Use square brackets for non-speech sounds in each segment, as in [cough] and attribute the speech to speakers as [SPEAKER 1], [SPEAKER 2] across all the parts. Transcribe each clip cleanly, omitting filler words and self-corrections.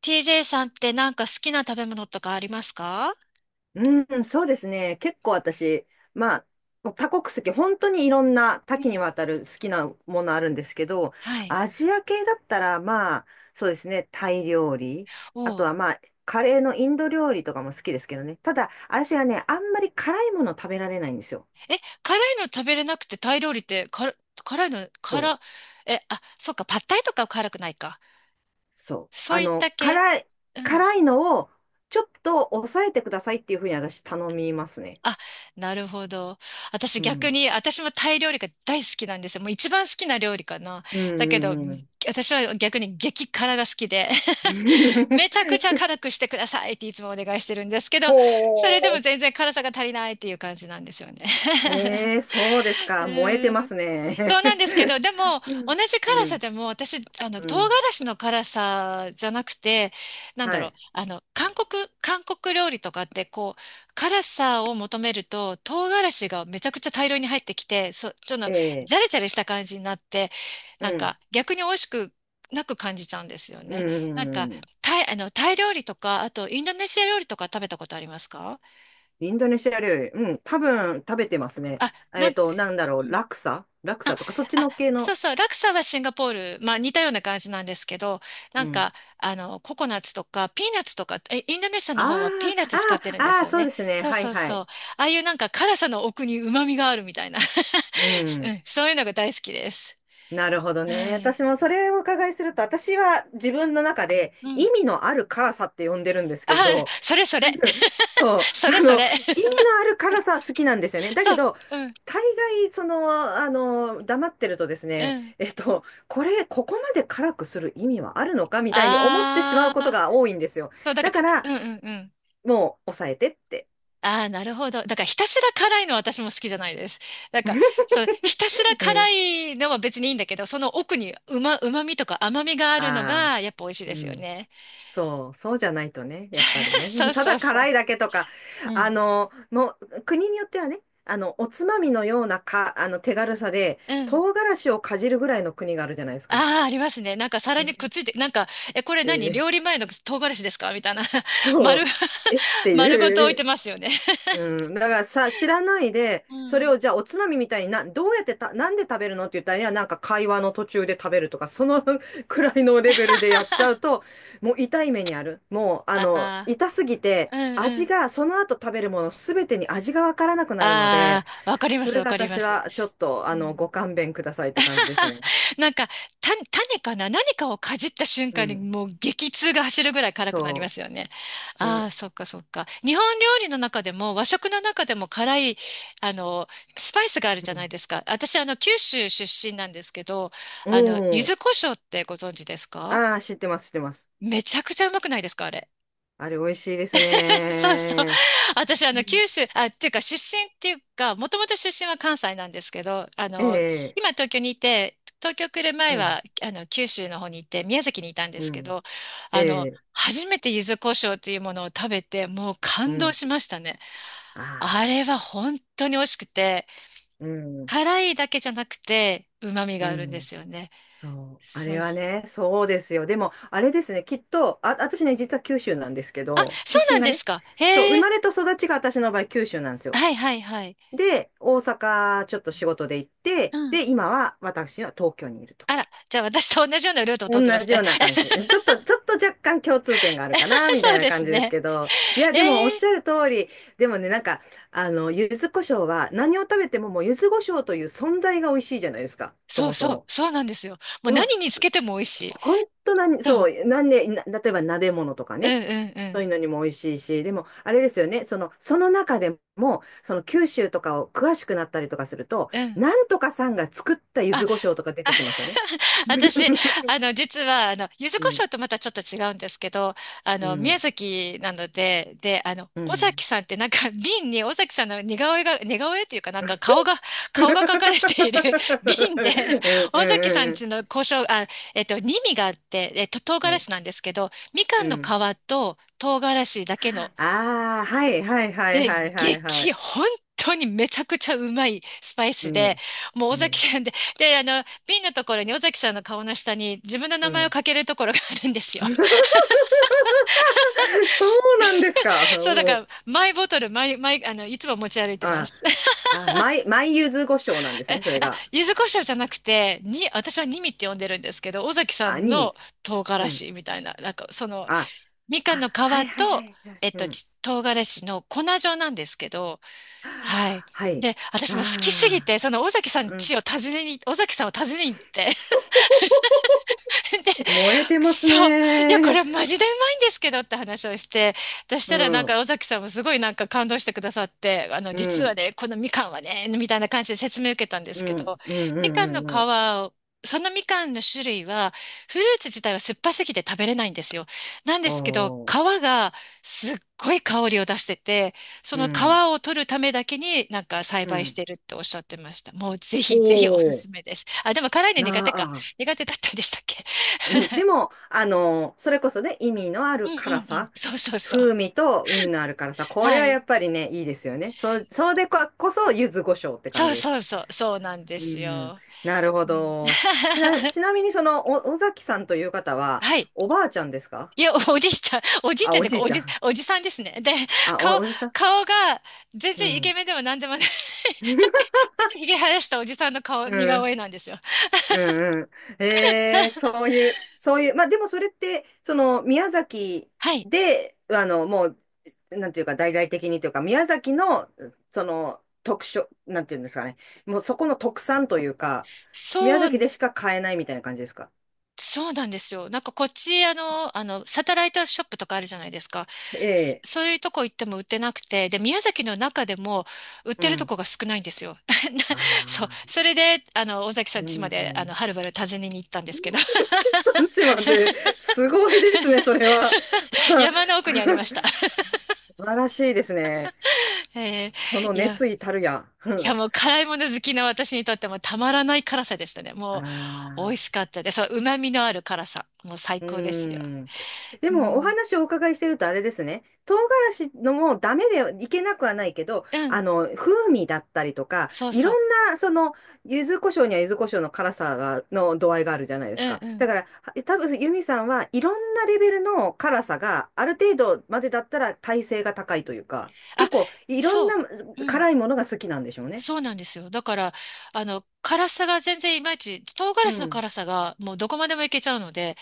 [SPEAKER 1] TJ さんってなんか好きな食べ物とかありますか？
[SPEAKER 2] うん、そうですね。結構私、まあ、もう多国籍、本当にいろんな多
[SPEAKER 1] う
[SPEAKER 2] 岐に
[SPEAKER 1] ん。
[SPEAKER 2] わたる好きなものあるんですけど、
[SPEAKER 1] はい。
[SPEAKER 2] アジア系だったら、そうですね、タイ料理、あ
[SPEAKER 1] お
[SPEAKER 2] と
[SPEAKER 1] う。
[SPEAKER 2] はまあ、カレーのインド料理とかも好きですけどね。ただ、私はね、あんまり辛いもの食べられないんですよ。
[SPEAKER 1] え、辛いの食べれなくてタイ料理って辛、辛いの、
[SPEAKER 2] そう、
[SPEAKER 1] 辛、え、あ、そうか、パッタイとかは辛くないか。
[SPEAKER 2] そう。
[SPEAKER 1] そういった系。うん。
[SPEAKER 2] 辛いのをちょっと抑えてくださいっていうふうに私頼みますね。
[SPEAKER 1] あ、なるほど。私
[SPEAKER 2] う
[SPEAKER 1] 逆
[SPEAKER 2] ん。
[SPEAKER 1] に、私もタイ料理が大好きなんですよ。もう一番好きな料理かな。
[SPEAKER 2] う
[SPEAKER 1] だけど、
[SPEAKER 2] んうん
[SPEAKER 1] 私は逆に激辛が好きで。
[SPEAKER 2] う
[SPEAKER 1] [laughs]
[SPEAKER 2] ん。[laughs]
[SPEAKER 1] めちゃくちゃ辛くしてくださいっていつもお願いしてるんですけど、それでも
[SPEAKER 2] ほう。
[SPEAKER 1] 全然辛さが足りないっていう感じなんですよね。[laughs]
[SPEAKER 2] ええ、そうです
[SPEAKER 1] う
[SPEAKER 2] か。燃えてま
[SPEAKER 1] ん。
[SPEAKER 2] す
[SPEAKER 1] そ
[SPEAKER 2] ね。
[SPEAKER 1] うなんですけど、
[SPEAKER 2] [laughs]
[SPEAKER 1] でも、同じ
[SPEAKER 2] う
[SPEAKER 1] 辛さ
[SPEAKER 2] ん、
[SPEAKER 1] でも、私、
[SPEAKER 2] [laughs] う
[SPEAKER 1] 唐辛
[SPEAKER 2] ん、
[SPEAKER 1] 子の辛さじゃなくて、なん
[SPEAKER 2] は
[SPEAKER 1] だろう、
[SPEAKER 2] い。
[SPEAKER 1] 韓国料理とかって、こう、辛さを求めると、唐辛子がめちゃくちゃ大量に入ってきて、そちょっ
[SPEAKER 2] え
[SPEAKER 1] と、
[SPEAKER 2] え、
[SPEAKER 1] ジャレジャレした感じになって、
[SPEAKER 2] う
[SPEAKER 1] なん
[SPEAKER 2] ん、
[SPEAKER 1] か、逆に美味しくなく感じちゃうんですよ
[SPEAKER 2] う
[SPEAKER 1] ね。なんか、
[SPEAKER 2] ん。
[SPEAKER 1] タイ料理とか、あと、インドネシア料理とか食べたことありますか？
[SPEAKER 2] インドネシア料理、うん、多分食べてますね。
[SPEAKER 1] あ、うん。
[SPEAKER 2] ラクサラク
[SPEAKER 1] あ、
[SPEAKER 2] サとか、そっち
[SPEAKER 1] あ、
[SPEAKER 2] の系
[SPEAKER 1] そ
[SPEAKER 2] の。
[SPEAKER 1] うそう、ラクサはシンガポール、まあ似たような感じなんですけど、な
[SPEAKER 2] う
[SPEAKER 1] ん
[SPEAKER 2] ん。
[SPEAKER 1] か、ココナッツとか、ピーナッツとか、え、インドネシアの
[SPEAKER 2] あ
[SPEAKER 1] 方はピーナッ
[SPEAKER 2] あ、
[SPEAKER 1] ツ使っ
[SPEAKER 2] あ
[SPEAKER 1] てるん
[SPEAKER 2] あ、
[SPEAKER 1] で
[SPEAKER 2] あ
[SPEAKER 1] す
[SPEAKER 2] あ、
[SPEAKER 1] よ
[SPEAKER 2] そう
[SPEAKER 1] ね。
[SPEAKER 2] ですね。
[SPEAKER 1] そう
[SPEAKER 2] はい
[SPEAKER 1] そう
[SPEAKER 2] は
[SPEAKER 1] そう。
[SPEAKER 2] い。
[SPEAKER 1] ああいうなんか辛さの奥に旨味があるみたいな。
[SPEAKER 2] う
[SPEAKER 1] [laughs] う
[SPEAKER 2] ん。
[SPEAKER 1] ん。そういうのが大好きです。
[SPEAKER 2] なるほどね。
[SPEAKER 1] はい。
[SPEAKER 2] 私もそれをお伺いすると、私は自分の中で
[SPEAKER 1] う
[SPEAKER 2] 意
[SPEAKER 1] ん。
[SPEAKER 2] 味のある辛さって呼んでるんです
[SPEAKER 1] あ
[SPEAKER 2] け
[SPEAKER 1] あ、
[SPEAKER 2] ど、
[SPEAKER 1] それそれ。
[SPEAKER 2] [laughs] そう、
[SPEAKER 1] [laughs]
[SPEAKER 2] [laughs]
[SPEAKER 1] それそれ。
[SPEAKER 2] 意味のある辛さ好きなんですよね。だ
[SPEAKER 1] そ
[SPEAKER 2] け
[SPEAKER 1] う。
[SPEAKER 2] ど、
[SPEAKER 1] うん。
[SPEAKER 2] 大概、黙ってるとです
[SPEAKER 1] う
[SPEAKER 2] ね、
[SPEAKER 1] ん。
[SPEAKER 2] ここまで辛くする意味はあるのかみたいに思ってしまう
[SPEAKER 1] あ
[SPEAKER 2] こと
[SPEAKER 1] あ。
[SPEAKER 2] が多いんですよ。
[SPEAKER 1] そう、だか
[SPEAKER 2] だから、
[SPEAKER 1] ら、うんうんうん。
[SPEAKER 2] もう、抑えてって。
[SPEAKER 1] ああ、なるほど。だからひたすら辛いのは私も好きじゃないです。なんか、そう、ひたすら
[SPEAKER 2] うん。
[SPEAKER 1] 辛いのは別にいいんだけど、その奥にうまみとか甘みがあるの
[SPEAKER 2] あ
[SPEAKER 1] が、
[SPEAKER 2] あ、
[SPEAKER 1] やっぱ美味しいで
[SPEAKER 2] う
[SPEAKER 1] すよ
[SPEAKER 2] ん。
[SPEAKER 1] ね。
[SPEAKER 2] そう、そうじゃないとね、やっぱり
[SPEAKER 1] [laughs] そ
[SPEAKER 2] ね。[laughs]
[SPEAKER 1] う
[SPEAKER 2] た
[SPEAKER 1] そ
[SPEAKER 2] だ
[SPEAKER 1] うそう。
[SPEAKER 2] 辛いだけとか、
[SPEAKER 1] うん。
[SPEAKER 2] もう、国によってはね、おつまみのようなか、手軽さで、
[SPEAKER 1] うん。
[SPEAKER 2] 唐辛子をかじるぐらいの国があるじゃないですか。
[SPEAKER 1] ああ、ありますね。なんか皿にくっ
[SPEAKER 2] え
[SPEAKER 1] ついて、なんか、え、これ何料理
[SPEAKER 2] ー
[SPEAKER 1] 前の唐辛子ですかみたいな。[laughs]
[SPEAKER 2] そう、
[SPEAKER 1] 丸、
[SPEAKER 2] えって
[SPEAKER 1] [laughs] 丸ごと
[SPEAKER 2] い
[SPEAKER 1] 置いて
[SPEAKER 2] う、
[SPEAKER 1] ますよね。[laughs]
[SPEAKER 2] うん、だからさ、知らないで、
[SPEAKER 1] う
[SPEAKER 2] それ
[SPEAKER 1] ん。
[SPEAKER 2] をじゃあおつまみみたいにな、どうやってた、なんで食べるのって言ったら、いや、なんか会話の途中で食べるとか、その [laughs] くらいのレベルでやっちゃうと、もう痛い目にある。もう、あ
[SPEAKER 1] あ
[SPEAKER 2] の、
[SPEAKER 1] あ、
[SPEAKER 2] 痛すぎて、
[SPEAKER 1] うんう
[SPEAKER 2] 味
[SPEAKER 1] ん。
[SPEAKER 2] が、その後食べるものすべてに味がわからなくなるので、
[SPEAKER 1] ああ、わかりま
[SPEAKER 2] そ
[SPEAKER 1] す、
[SPEAKER 2] れ
[SPEAKER 1] わ
[SPEAKER 2] が
[SPEAKER 1] かりま
[SPEAKER 2] 私
[SPEAKER 1] す。
[SPEAKER 2] はちょっと、
[SPEAKER 1] うん
[SPEAKER 2] ご勘弁くださいって感じですね。
[SPEAKER 1] [laughs] なんか、種かな何かをかじった瞬
[SPEAKER 2] う
[SPEAKER 1] 間に
[SPEAKER 2] ん、
[SPEAKER 1] もう激痛が走るぐらい辛くなりま
[SPEAKER 2] そ
[SPEAKER 1] すよね。
[SPEAKER 2] う、
[SPEAKER 1] あ
[SPEAKER 2] ね。
[SPEAKER 1] あ、そっかそっか。日本料理の中でも和食の中でも辛い、あの、スパイスがあるじゃな
[SPEAKER 2] う
[SPEAKER 1] いですか。私、九州出身なんですけど、
[SPEAKER 2] ん、
[SPEAKER 1] 柚
[SPEAKER 2] うん、
[SPEAKER 1] 子胡椒ってご存知ですか？
[SPEAKER 2] ああ、知ってます、知ってます。
[SPEAKER 1] めちゃくちゃうまくないですか、あれ？
[SPEAKER 2] あれ美味しいです
[SPEAKER 1] [laughs] そうそう。
[SPEAKER 2] ね。
[SPEAKER 1] 私、
[SPEAKER 2] うん
[SPEAKER 1] 九州、あ、っていうか、出身っていうか、もともと出身は関西なんですけど、
[SPEAKER 2] ええ、
[SPEAKER 1] 今東京にいて、東京来る
[SPEAKER 2] う
[SPEAKER 1] 前
[SPEAKER 2] ん、
[SPEAKER 1] は、九州の方に行って、宮崎にいたんで
[SPEAKER 2] う
[SPEAKER 1] すけ
[SPEAKER 2] ん、
[SPEAKER 1] ど、
[SPEAKER 2] ええ、
[SPEAKER 1] 初めて柚子胡椒というものを食べて、もう
[SPEAKER 2] う
[SPEAKER 1] 感動
[SPEAKER 2] ん、
[SPEAKER 1] しましたね。
[SPEAKER 2] あ
[SPEAKER 1] あ
[SPEAKER 2] あ、
[SPEAKER 1] れは本当に美味しくて、
[SPEAKER 2] うん、
[SPEAKER 1] 辛いだけじゃなくて、旨味が
[SPEAKER 2] う
[SPEAKER 1] あるんで
[SPEAKER 2] ん、
[SPEAKER 1] すよね。
[SPEAKER 2] そう、あ
[SPEAKER 1] そ
[SPEAKER 2] れ
[SPEAKER 1] う
[SPEAKER 2] は
[SPEAKER 1] そう。
[SPEAKER 2] ね、そうですよ。でも、あれですね、きっと、あ、私ね、実は九州なんですけ
[SPEAKER 1] あ、
[SPEAKER 2] ど、
[SPEAKER 1] そう
[SPEAKER 2] 出身
[SPEAKER 1] なん
[SPEAKER 2] が
[SPEAKER 1] で
[SPEAKER 2] ね、
[SPEAKER 1] すか。
[SPEAKER 2] そう、生
[SPEAKER 1] へえ。
[SPEAKER 2] まれと育ちが私の場合、九州なんですよ。
[SPEAKER 1] はいはいはい。
[SPEAKER 2] で、大阪、ちょっと仕事で行っ
[SPEAKER 1] う
[SPEAKER 2] て、
[SPEAKER 1] ん。
[SPEAKER 2] で、今は私は東京にいると。
[SPEAKER 1] あら、じゃあ私と同じようなルートを通
[SPEAKER 2] 同
[SPEAKER 1] ってます
[SPEAKER 2] じ
[SPEAKER 1] ね。
[SPEAKER 2] ような感じ。ちょっと若干共通点があるかな、
[SPEAKER 1] [laughs]
[SPEAKER 2] みた
[SPEAKER 1] そ
[SPEAKER 2] い
[SPEAKER 1] う
[SPEAKER 2] な
[SPEAKER 1] で
[SPEAKER 2] 感
[SPEAKER 1] す
[SPEAKER 2] じです
[SPEAKER 1] ね。
[SPEAKER 2] けど。いや、でもおっ
[SPEAKER 1] ええ。
[SPEAKER 2] しゃる通り、でもね、なんか、柚子胡椒は何を食べてももう柚子胡椒という存在が美味しいじゃないですか、そ
[SPEAKER 1] そう
[SPEAKER 2] もそ
[SPEAKER 1] そう、
[SPEAKER 2] も。
[SPEAKER 1] そうなんですよ。もう
[SPEAKER 2] でも、
[SPEAKER 1] 何につけても美味しい。
[SPEAKER 2] 本当何、
[SPEAKER 1] そ
[SPEAKER 2] そ
[SPEAKER 1] う。
[SPEAKER 2] う、なんで、な例えば鍋物とか
[SPEAKER 1] うんう
[SPEAKER 2] ね、
[SPEAKER 1] んう
[SPEAKER 2] そう
[SPEAKER 1] ん。
[SPEAKER 2] いうのにも美味しいし、でも、あれですよね、その中でも、その九州とかを詳しくなったりとかすると、
[SPEAKER 1] うん。
[SPEAKER 2] なんとかさんが作った柚
[SPEAKER 1] あ、
[SPEAKER 2] 子胡椒とか出
[SPEAKER 1] あ
[SPEAKER 2] てきますよね。
[SPEAKER 1] [laughs] 私、
[SPEAKER 2] [laughs]
[SPEAKER 1] 実は、柚子
[SPEAKER 2] う
[SPEAKER 1] 胡
[SPEAKER 2] ん、
[SPEAKER 1] 椒とまたちょっと違うんですけど、
[SPEAKER 2] う
[SPEAKER 1] 宮
[SPEAKER 2] ん、
[SPEAKER 1] 崎なので、で、
[SPEAKER 2] う
[SPEAKER 1] 尾
[SPEAKER 2] ん。
[SPEAKER 1] 崎さんってなんか瓶に尾崎さんの似顔絵が、似顔絵っていうかなんか顔が、
[SPEAKER 2] うん
[SPEAKER 1] 顔が描かれている [laughs] 瓶で、
[SPEAKER 2] う
[SPEAKER 1] 尾崎さん
[SPEAKER 2] ん
[SPEAKER 1] ちの胡椒、あ、に味があって、唐
[SPEAKER 2] うんうんう
[SPEAKER 1] 辛
[SPEAKER 2] ん。
[SPEAKER 1] 子なんですけど、みか
[SPEAKER 2] う
[SPEAKER 1] んの皮
[SPEAKER 2] ん
[SPEAKER 1] と唐辛子だけの
[SPEAKER 2] ああはいはいはい
[SPEAKER 1] で、
[SPEAKER 2] はいはいはい。
[SPEAKER 1] 本当にめちゃくちゃうまいスパイ
[SPEAKER 2] う
[SPEAKER 1] スで、
[SPEAKER 2] ん。
[SPEAKER 1] もう
[SPEAKER 2] う
[SPEAKER 1] 尾
[SPEAKER 2] ん。
[SPEAKER 1] 崎さんで、瓶のところに尾崎さんの顔の下に自分の
[SPEAKER 2] う
[SPEAKER 1] 名前を
[SPEAKER 2] ん。
[SPEAKER 1] 書けるところがあるんですよ。
[SPEAKER 2] [laughs] そうなんですか。
[SPEAKER 1] [laughs] そう、だか
[SPEAKER 2] おー
[SPEAKER 1] ら、マイボトル、マイ、マイ、あの、いつも持ち歩いてま
[SPEAKER 2] あ、
[SPEAKER 1] す。[laughs]
[SPEAKER 2] あ、マイ、マイユズゴショなんですね、それ
[SPEAKER 1] あ、
[SPEAKER 2] が。
[SPEAKER 1] 柚子胡椒じゃなくて、私はニミって呼んでるんですけど、尾崎さ
[SPEAKER 2] ア
[SPEAKER 1] ん
[SPEAKER 2] ニメ。
[SPEAKER 1] の唐
[SPEAKER 2] う
[SPEAKER 1] 辛
[SPEAKER 2] ん。
[SPEAKER 1] 子みたいな、なんか、
[SPEAKER 2] あ、
[SPEAKER 1] みか
[SPEAKER 2] あ、
[SPEAKER 1] んの皮
[SPEAKER 2] はいはいは
[SPEAKER 1] と、
[SPEAKER 2] いはい。うん。
[SPEAKER 1] 唐辛子の粉状なんですけど、はい。
[SPEAKER 2] はい。
[SPEAKER 1] で、私も好きすぎ
[SPEAKER 2] あ
[SPEAKER 1] て、その尾崎さん
[SPEAKER 2] あ、うん。
[SPEAKER 1] 家を訪ねに、尾崎さんを訪ねに行って、
[SPEAKER 2] [laughs]
[SPEAKER 1] [laughs] で、
[SPEAKER 2] 燃えてます
[SPEAKER 1] そう。いや、これ
[SPEAKER 2] ね
[SPEAKER 1] はマジでうまいんですけどって話をして、そし
[SPEAKER 2] う
[SPEAKER 1] たらなんか
[SPEAKER 2] ん。
[SPEAKER 1] 尾崎さんもすごいなんか感動してくださって、
[SPEAKER 2] う
[SPEAKER 1] 実は
[SPEAKER 2] ん。
[SPEAKER 1] ね、このみかんはね、みたいな感じで説明を受けたんで
[SPEAKER 2] う
[SPEAKER 1] すけど、
[SPEAKER 2] ん、うん、う
[SPEAKER 1] み
[SPEAKER 2] ん、
[SPEAKER 1] かんの
[SPEAKER 2] う
[SPEAKER 1] 皮
[SPEAKER 2] ん、うん。
[SPEAKER 1] を、そのみかんの種類は、フルーツ自体は酸っぱすぎて食べれないんですよ。なんで
[SPEAKER 2] お
[SPEAKER 1] すけど、
[SPEAKER 2] ー、
[SPEAKER 1] 皮がすっごい香りを出してて、そ
[SPEAKER 2] う
[SPEAKER 1] の皮
[SPEAKER 2] ん、
[SPEAKER 1] を取るためだけになんか栽
[SPEAKER 2] う
[SPEAKER 1] 培し
[SPEAKER 2] ん。
[SPEAKER 1] てるっておっしゃってました。もうぜひ
[SPEAKER 2] ほ
[SPEAKER 1] ぜひおすすめです。あ、でも辛いの
[SPEAKER 2] う、
[SPEAKER 1] 苦手
[SPEAKER 2] な
[SPEAKER 1] か。
[SPEAKER 2] あ。
[SPEAKER 1] 苦手だったんでしたっけ？
[SPEAKER 2] うん、でも、あの、それこそね、意味のあ
[SPEAKER 1] う
[SPEAKER 2] る
[SPEAKER 1] んう
[SPEAKER 2] 辛
[SPEAKER 1] んうん。
[SPEAKER 2] さ。
[SPEAKER 1] そうそうそう。
[SPEAKER 2] 風味と意味のある辛さ。これ
[SPEAKER 1] は
[SPEAKER 2] は
[SPEAKER 1] い。
[SPEAKER 2] やっぱりね、いいですよね。そ、そうでこ、こそ、柚子胡椒って感
[SPEAKER 1] そう
[SPEAKER 2] じで
[SPEAKER 1] そ
[SPEAKER 2] す。
[SPEAKER 1] うそう。そうなんで
[SPEAKER 2] う
[SPEAKER 1] す
[SPEAKER 2] ん、
[SPEAKER 1] よ。
[SPEAKER 2] なるほ
[SPEAKER 1] うん
[SPEAKER 2] ど。ちな、ちな
[SPEAKER 1] [laughs]
[SPEAKER 2] みに、尾崎さんという方は、
[SPEAKER 1] はい。
[SPEAKER 2] おばあちゃんですか
[SPEAKER 1] いや、おじいちゃん、おじいち
[SPEAKER 2] あ、
[SPEAKER 1] ゃんっ
[SPEAKER 2] お
[SPEAKER 1] ていう
[SPEAKER 2] じ
[SPEAKER 1] か、
[SPEAKER 2] い
[SPEAKER 1] お
[SPEAKER 2] ちゃ
[SPEAKER 1] じ、
[SPEAKER 2] ん。
[SPEAKER 1] おじさんですね。で、顔、
[SPEAKER 2] おじさん
[SPEAKER 1] 顔が全
[SPEAKER 2] う
[SPEAKER 1] 然イケ
[SPEAKER 2] ん。
[SPEAKER 1] メンでも何でもない。[laughs] ちょっと、ちょ
[SPEAKER 2] [laughs]
[SPEAKER 1] っとひげ生やしたおじさんの顔、
[SPEAKER 2] う
[SPEAKER 1] 似顔
[SPEAKER 2] ん。
[SPEAKER 1] 絵なんですよ。
[SPEAKER 2] うんうん。えー、
[SPEAKER 1] [laughs]
[SPEAKER 2] そういう、そういう、まあでもそれって、その宮崎
[SPEAKER 1] はい。
[SPEAKER 2] で、もう、なんていうか、大々的にというか、宮崎の、その、特色、なんていうんですかね、もうそこの特産というか、宮
[SPEAKER 1] そ
[SPEAKER 2] 崎
[SPEAKER 1] う
[SPEAKER 2] でしか買えないみたいな感じですか。
[SPEAKER 1] そうなんですよ。なんかこっち、サテライトショップとかあるじゃないですか。
[SPEAKER 2] え
[SPEAKER 1] そ
[SPEAKER 2] え、
[SPEAKER 1] そういうとこ行っても売ってなくて、で、宮崎の中でも売っ
[SPEAKER 2] う
[SPEAKER 1] てると
[SPEAKER 2] ん。
[SPEAKER 1] こが少ないんですよ。[laughs] なそう。
[SPEAKER 2] あ
[SPEAKER 1] それで、尾崎さ
[SPEAKER 2] あ、
[SPEAKER 1] ん
[SPEAKER 2] う
[SPEAKER 1] 家まで、は
[SPEAKER 2] ん。
[SPEAKER 1] るばる訪ねに行ったんですけ
[SPEAKER 2] 宮
[SPEAKER 1] ど、[laughs]
[SPEAKER 2] 崎産地まで、すごいですね、それは。
[SPEAKER 1] 山の
[SPEAKER 2] [laughs]
[SPEAKER 1] 奥にありました。
[SPEAKER 2] 素晴らしいですね。
[SPEAKER 1] [laughs]
[SPEAKER 2] その
[SPEAKER 1] いや、
[SPEAKER 2] 熱意たるや。う
[SPEAKER 1] いや
[SPEAKER 2] ん。
[SPEAKER 1] もう辛いもの好きな私にとってもたまらない辛さでしたね。
[SPEAKER 2] あ
[SPEAKER 1] もう美味し
[SPEAKER 2] あ。
[SPEAKER 1] かったです。そう、旨味のある辛さ。もう最
[SPEAKER 2] う
[SPEAKER 1] 高ですよ。
[SPEAKER 2] ーん。で
[SPEAKER 1] う
[SPEAKER 2] も、お
[SPEAKER 1] ん。
[SPEAKER 2] 話をお伺いしてるとあれですね。唐辛子のもダメでいけなくはないけど、
[SPEAKER 1] うん。
[SPEAKER 2] 風味だったりとか、
[SPEAKER 1] そう
[SPEAKER 2] いろ
[SPEAKER 1] そ
[SPEAKER 2] んな、その、柚子胡椒には柚子胡椒の辛さが、の度合いがあるじゃないで
[SPEAKER 1] う。う
[SPEAKER 2] す
[SPEAKER 1] ん
[SPEAKER 2] か。
[SPEAKER 1] う
[SPEAKER 2] だ
[SPEAKER 1] ん。
[SPEAKER 2] から、は多分、ユミさんはいろんなレベルの辛さがある程度までだったら耐性が高いというか、
[SPEAKER 1] あ、
[SPEAKER 2] 結構いろん
[SPEAKER 1] そ
[SPEAKER 2] な
[SPEAKER 1] う。うん。
[SPEAKER 2] 辛いものが好きなんでしょうね。
[SPEAKER 1] そうなんですよ。だから、辛さが全然いまいち、唐
[SPEAKER 2] う
[SPEAKER 1] 辛子の
[SPEAKER 2] ん。
[SPEAKER 1] 辛さがもうどこまでもいけちゃうので、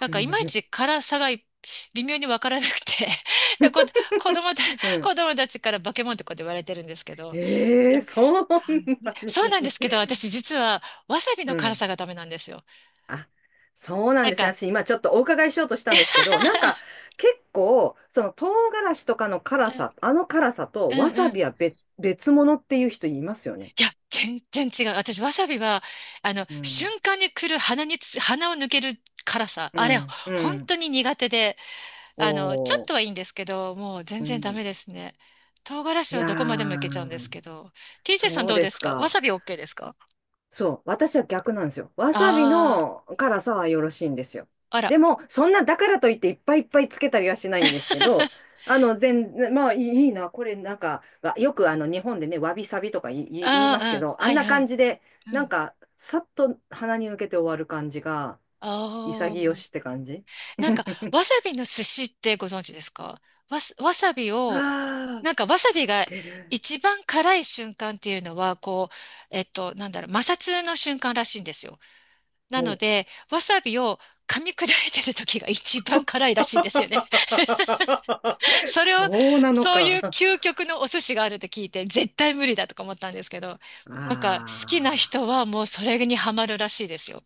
[SPEAKER 1] なんかいまいち 辛さが微妙にわからなくて、[laughs] で、こ、子供た、
[SPEAKER 2] う
[SPEAKER 1] [laughs] 子
[SPEAKER 2] ん。
[SPEAKER 1] 供たちから化け物ってこうやって言われてるんですけ
[SPEAKER 2] [laughs]
[SPEAKER 1] ど、
[SPEAKER 2] え
[SPEAKER 1] で
[SPEAKER 2] えー、
[SPEAKER 1] も、
[SPEAKER 2] そん
[SPEAKER 1] はい、
[SPEAKER 2] なに。
[SPEAKER 1] そうなんですけど、私実はわさび
[SPEAKER 2] う
[SPEAKER 1] の辛
[SPEAKER 2] ん。
[SPEAKER 1] さがダメなんですよ。
[SPEAKER 2] あ、そうなん
[SPEAKER 1] なん
[SPEAKER 2] ですね。
[SPEAKER 1] か、
[SPEAKER 2] 私今ちょっとお伺いしようとしたんですけど、なんか
[SPEAKER 1] [laughs]
[SPEAKER 2] 結構、その唐辛子とかの
[SPEAKER 1] う
[SPEAKER 2] 辛
[SPEAKER 1] ん
[SPEAKER 2] さ、あの辛さと
[SPEAKER 1] う
[SPEAKER 2] わ
[SPEAKER 1] ん
[SPEAKER 2] さ
[SPEAKER 1] う
[SPEAKER 2] び
[SPEAKER 1] ん。
[SPEAKER 2] は別、別物っていう人いますよね。
[SPEAKER 1] いや、全然違う。私、わさびは、
[SPEAKER 2] うん、
[SPEAKER 1] 瞬間に来る鼻につ、鼻を抜ける辛さ。
[SPEAKER 2] う
[SPEAKER 1] あれ、
[SPEAKER 2] ん、う
[SPEAKER 1] 本
[SPEAKER 2] ん。
[SPEAKER 1] 当に苦手で。ちょっ
[SPEAKER 2] お
[SPEAKER 1] とは
[SPEAKER 2] ー、
[SPEAKER 1] いいんですけど、もう全
[SPEAKER 2] う
[SPEAKER 1] 然ダ
[SPEAKER 2] ん。
[SPEAKER 1] メですね。唐辛子
[SPEAKER 2] い
[SPEAKER 1] は
[SPEAKER 2] や
[SPEAKER 1] どこまでもいけちゃうんで
[SPEAKER 2] ー、
[SPEAKER 1] すけど。TJ さん
[SPEAKER 2] そう
[SPEAKER 1] どう
[SPEAKER 2] で
[SPEAKER 1] で
[SPEAKER 2] す
[SPEAKER 1] すか？わさ
[SPEAKER 2] か。
[SPEAKER 1] び OK ですか？
[SPEAKER 2] そう。私は逆なんですよ。わさび
[SPEAKER 1] あ
[SPEAKER 2] の辛さはよろしいんですよ。
[SPEAKER 1] あー、あら。
[SPEAKER 2] でも、そんな、だからといっていっぱいいっぱいつけたりはしないんですけど、
[SPEAKER 1] [laughs]
[SPEAKER 2] 全、いいいいな、これなんか、わよく日本でね、わびさびとか言い、言い
[SPEAKER 1] あ
[SPEAKER 2] 言います
[SPEAKER 1] あ、
[SPEAKER 2] け
[SPEAKER 1] うん。
[SPEAKER 2] ど、あ
[SPEAKER 1] は
[SPEAKER 2] ん
[SPEAKER 1] い
[SPEAKER 2] な
[SPEAKER 1] は
[SPEAKER 2] 感
[SPEAKER 1] い。
[SPEAKER 2] じで、
[SPEAKER 1] う
[SPEAKER 2] なん
[SPEAKER 1] ん。
[SPEAKER 2] か、さっと鼻に抜けて終わる感じが、
[SPEAKER 1] あ
[SPEAKER 2] 潔
[SPEAKER 1] あ。
[SPEAKER 2] しって感じ。
[SPEAKER 1] なんか、
[SPEAKER 2] [laughs]
[SPEAKER 1] わさびの寿司ってご存知ですか？わさびを、
[SPEAKER 2] はあ、
[SPEAKER 1] なんかわさ
[SPEAKER 2] 知
[SPEAKER 1] び
[SPEAKER 2] っ
[SPEAKER 1] が
[SPEAKER 2] てる。
[SPEAKER 1] 一番辛い瞬間っていうのは、こう、なんだろう、摩擦の瞬間らしいんですよ。なの
[SPEAKER 2] も
[SPEAKER 1] で、わさびを噛み砕いてる時が一番辛いらしいんですよね。
[SPEAKER 2] う、
[SPEAKER 1] [laughs]
[SPEAKER 2] [laughs]
[SPEAKER 1] それを、
[SPEAKER 2] そうなの
[SPEAKER 1] そうい
[SPEAKER 2] か。
[SPEAKER 1] う
[SPEAKER 2] あ
[SPEAKER 1] 究極のお寿司があるって聞いて、絶対無理だとか思ったんですけど、なんか好きな
[SPEAKER 2] あ。
[SPEAKER 1] 人はもうそれにハマるらしいですよ。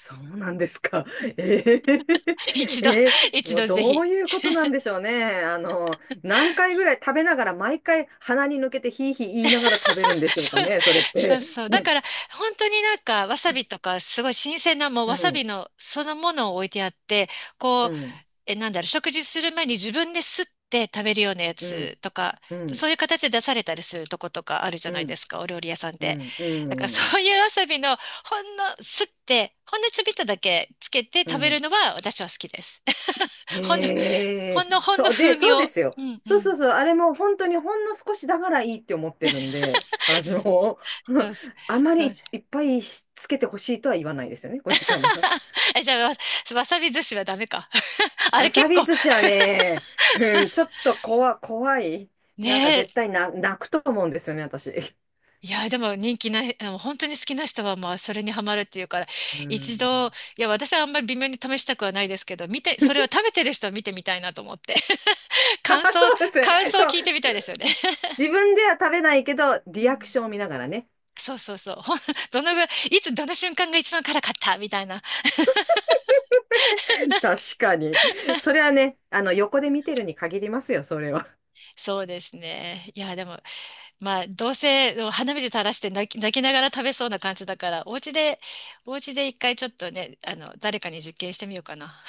[SPEAKER 2] そうなんですか。[laughs] ええ、
[SPEAKER 1] [laughs] 一度、
[SPEAKER 2] ええ、
[SPEAKER 1] 一
[SPEAKER 2] もう
[SPEAKER 1] 度ぜ
[SPEAKER 2] ど
[SPEAKER 1] ひ。
[SPEAKER 2] ういうことなんでしょうね。何回ぐらい食べながら、毎回鼻に抜けてヒーヒー言いながら食べるんで
[SPEAKER 1] [laughs]
[SPEAKER 2] しょうか
[SPEAKER 1] そう、
[SPEAKER 2] ね、それっ
[SPEAKER 1] そう
[SPEAKER 2] て。
[SPEAKER 1] そう。だから、本当になんか、わさびとか、すごい新鮮な、もう
[SPEAKER 2] う
[SPEAKER 1] わさび
[SPEAKER 2] ん、
[SPEAKER 1] のそのものを置いてあって、こう、
[SPEAKER 2] うん、
[SPEAKER 1] え、なんだろう、食事する前に自分ですって食べるようなや
[SPEAKER 2] うん、
[SPEAKER 1] つとか、
[SPEAKER 2] うん、
[SPEAKER 1] そういう形で出されたりするとことかあるじゃ
[SPEAKER 2] う
[SPEAKER 1] ないで
[SPEAKER 2] ん、
[SPEAKER 1] すか、お料理屋さん
[SPEAKER 2] う
[SPEAKER 1] で。
[SPEAKER 2] ん、う
[SPEAKER 1] だからそ
[SPEAKER 2] ん、
[SPEAKER 1] ういうわさびのほんのちょびっとだけつけて
[SPEAKER 2] う
[SPEAKER 1] 食べる
[SPEAKER 2] ん。
[SPEAKER 1] のは私は好きです。[laughs] ほんの、
[SPEAKER 2] へ
[SPEAKER 1] ほ
[SPEAKER 2] え、
[SPEAKER 1] んの、ほんの
[SPEAKER 2] そう、で、
[SPEAKER 1] 風味
[SPEAKER 2] そうで
[SPEAKER 1] を。
[SPEAKER 2] すよ。
[SPEAKER 1] うんう
[SPEAKER 2] そうそ
[SPEAKER 1] ん。
[SPEAKER 2] うそう、あれも本当にほんの少しだからいいって思ってるんで、私も、
[SPEAKER 1] そ
[SPEAKER 2] [laughs]
[SPEAKER 1] うです。
[SPEAKER 2] あま
[SPEAKER 1] そうで
[SPEAKER 2] りい
[SPEAKER 1] す。
[SPEAKER 2] っぱいしつけてほしいとは言わないですよね、こっちから。
[SPEAKER 1] [laughs] え、じゃあ、わさび寿司はダメか。[laughs] あ
[SPEAKER 2] わ
[SPEAKER 1] れ
[SPEAKER 2] さ
[SPEAKER 1] 結
[SPEAKER 2] び
[SPEAKER 1] 構、
[SPEAKER 2] 寿司はね、うん、ちょっと怖い。なんか
[SPEAKER 1] ねえ、
[SPEAKER 2] 絶対な、泣くと思うんですよね、私。
[SPEAKER 1] いや、でも人気ない、本当に好きな人はまあそれにハマるっていうから、
[SPEAKER 2] う
[SPEAKER 1] 一
[SPEAKER 2] ん。
[SPEAKER 1] 度、い
[SPEAKER 2] [laughs]
[SPEAKER 1] や、私はあんまり微妙に試したくはないですけど、見て、それを食べてる人を見てみたいなと思って。[laughs]
[SPEAKER 2] あ、
[SPEAKER 1] 感想、
[SPEAKER 2] そうですね。
[SPEAKER 1] 感想を
[SPEAKER 2] そう。
[SPEAKER 1] 聞いてみたいですよね。
[SPEAKER 2] 自分では食べないけど、
[SPEAKER 1] う
[SPEAKER 2] リアク
[SPEAKER 1] ん。
[SPEAKER 2] ションを見ながらね。
[SPEAKER 1] そうそうそう。どのぐらい、いつどの瞬間が一番辛かったみたいな。
[SPEAKER 2] [laughs] 確かに。それはね、あの、横で見てるに限りますよ、それは。
[SPEAKER 1] [laughs] そうですね。いや、でも、まあ、どうせ花火で垂らして泣きながら食べそうな感じだから、お家で一回ちょっとね、誰かに実験してみようかな。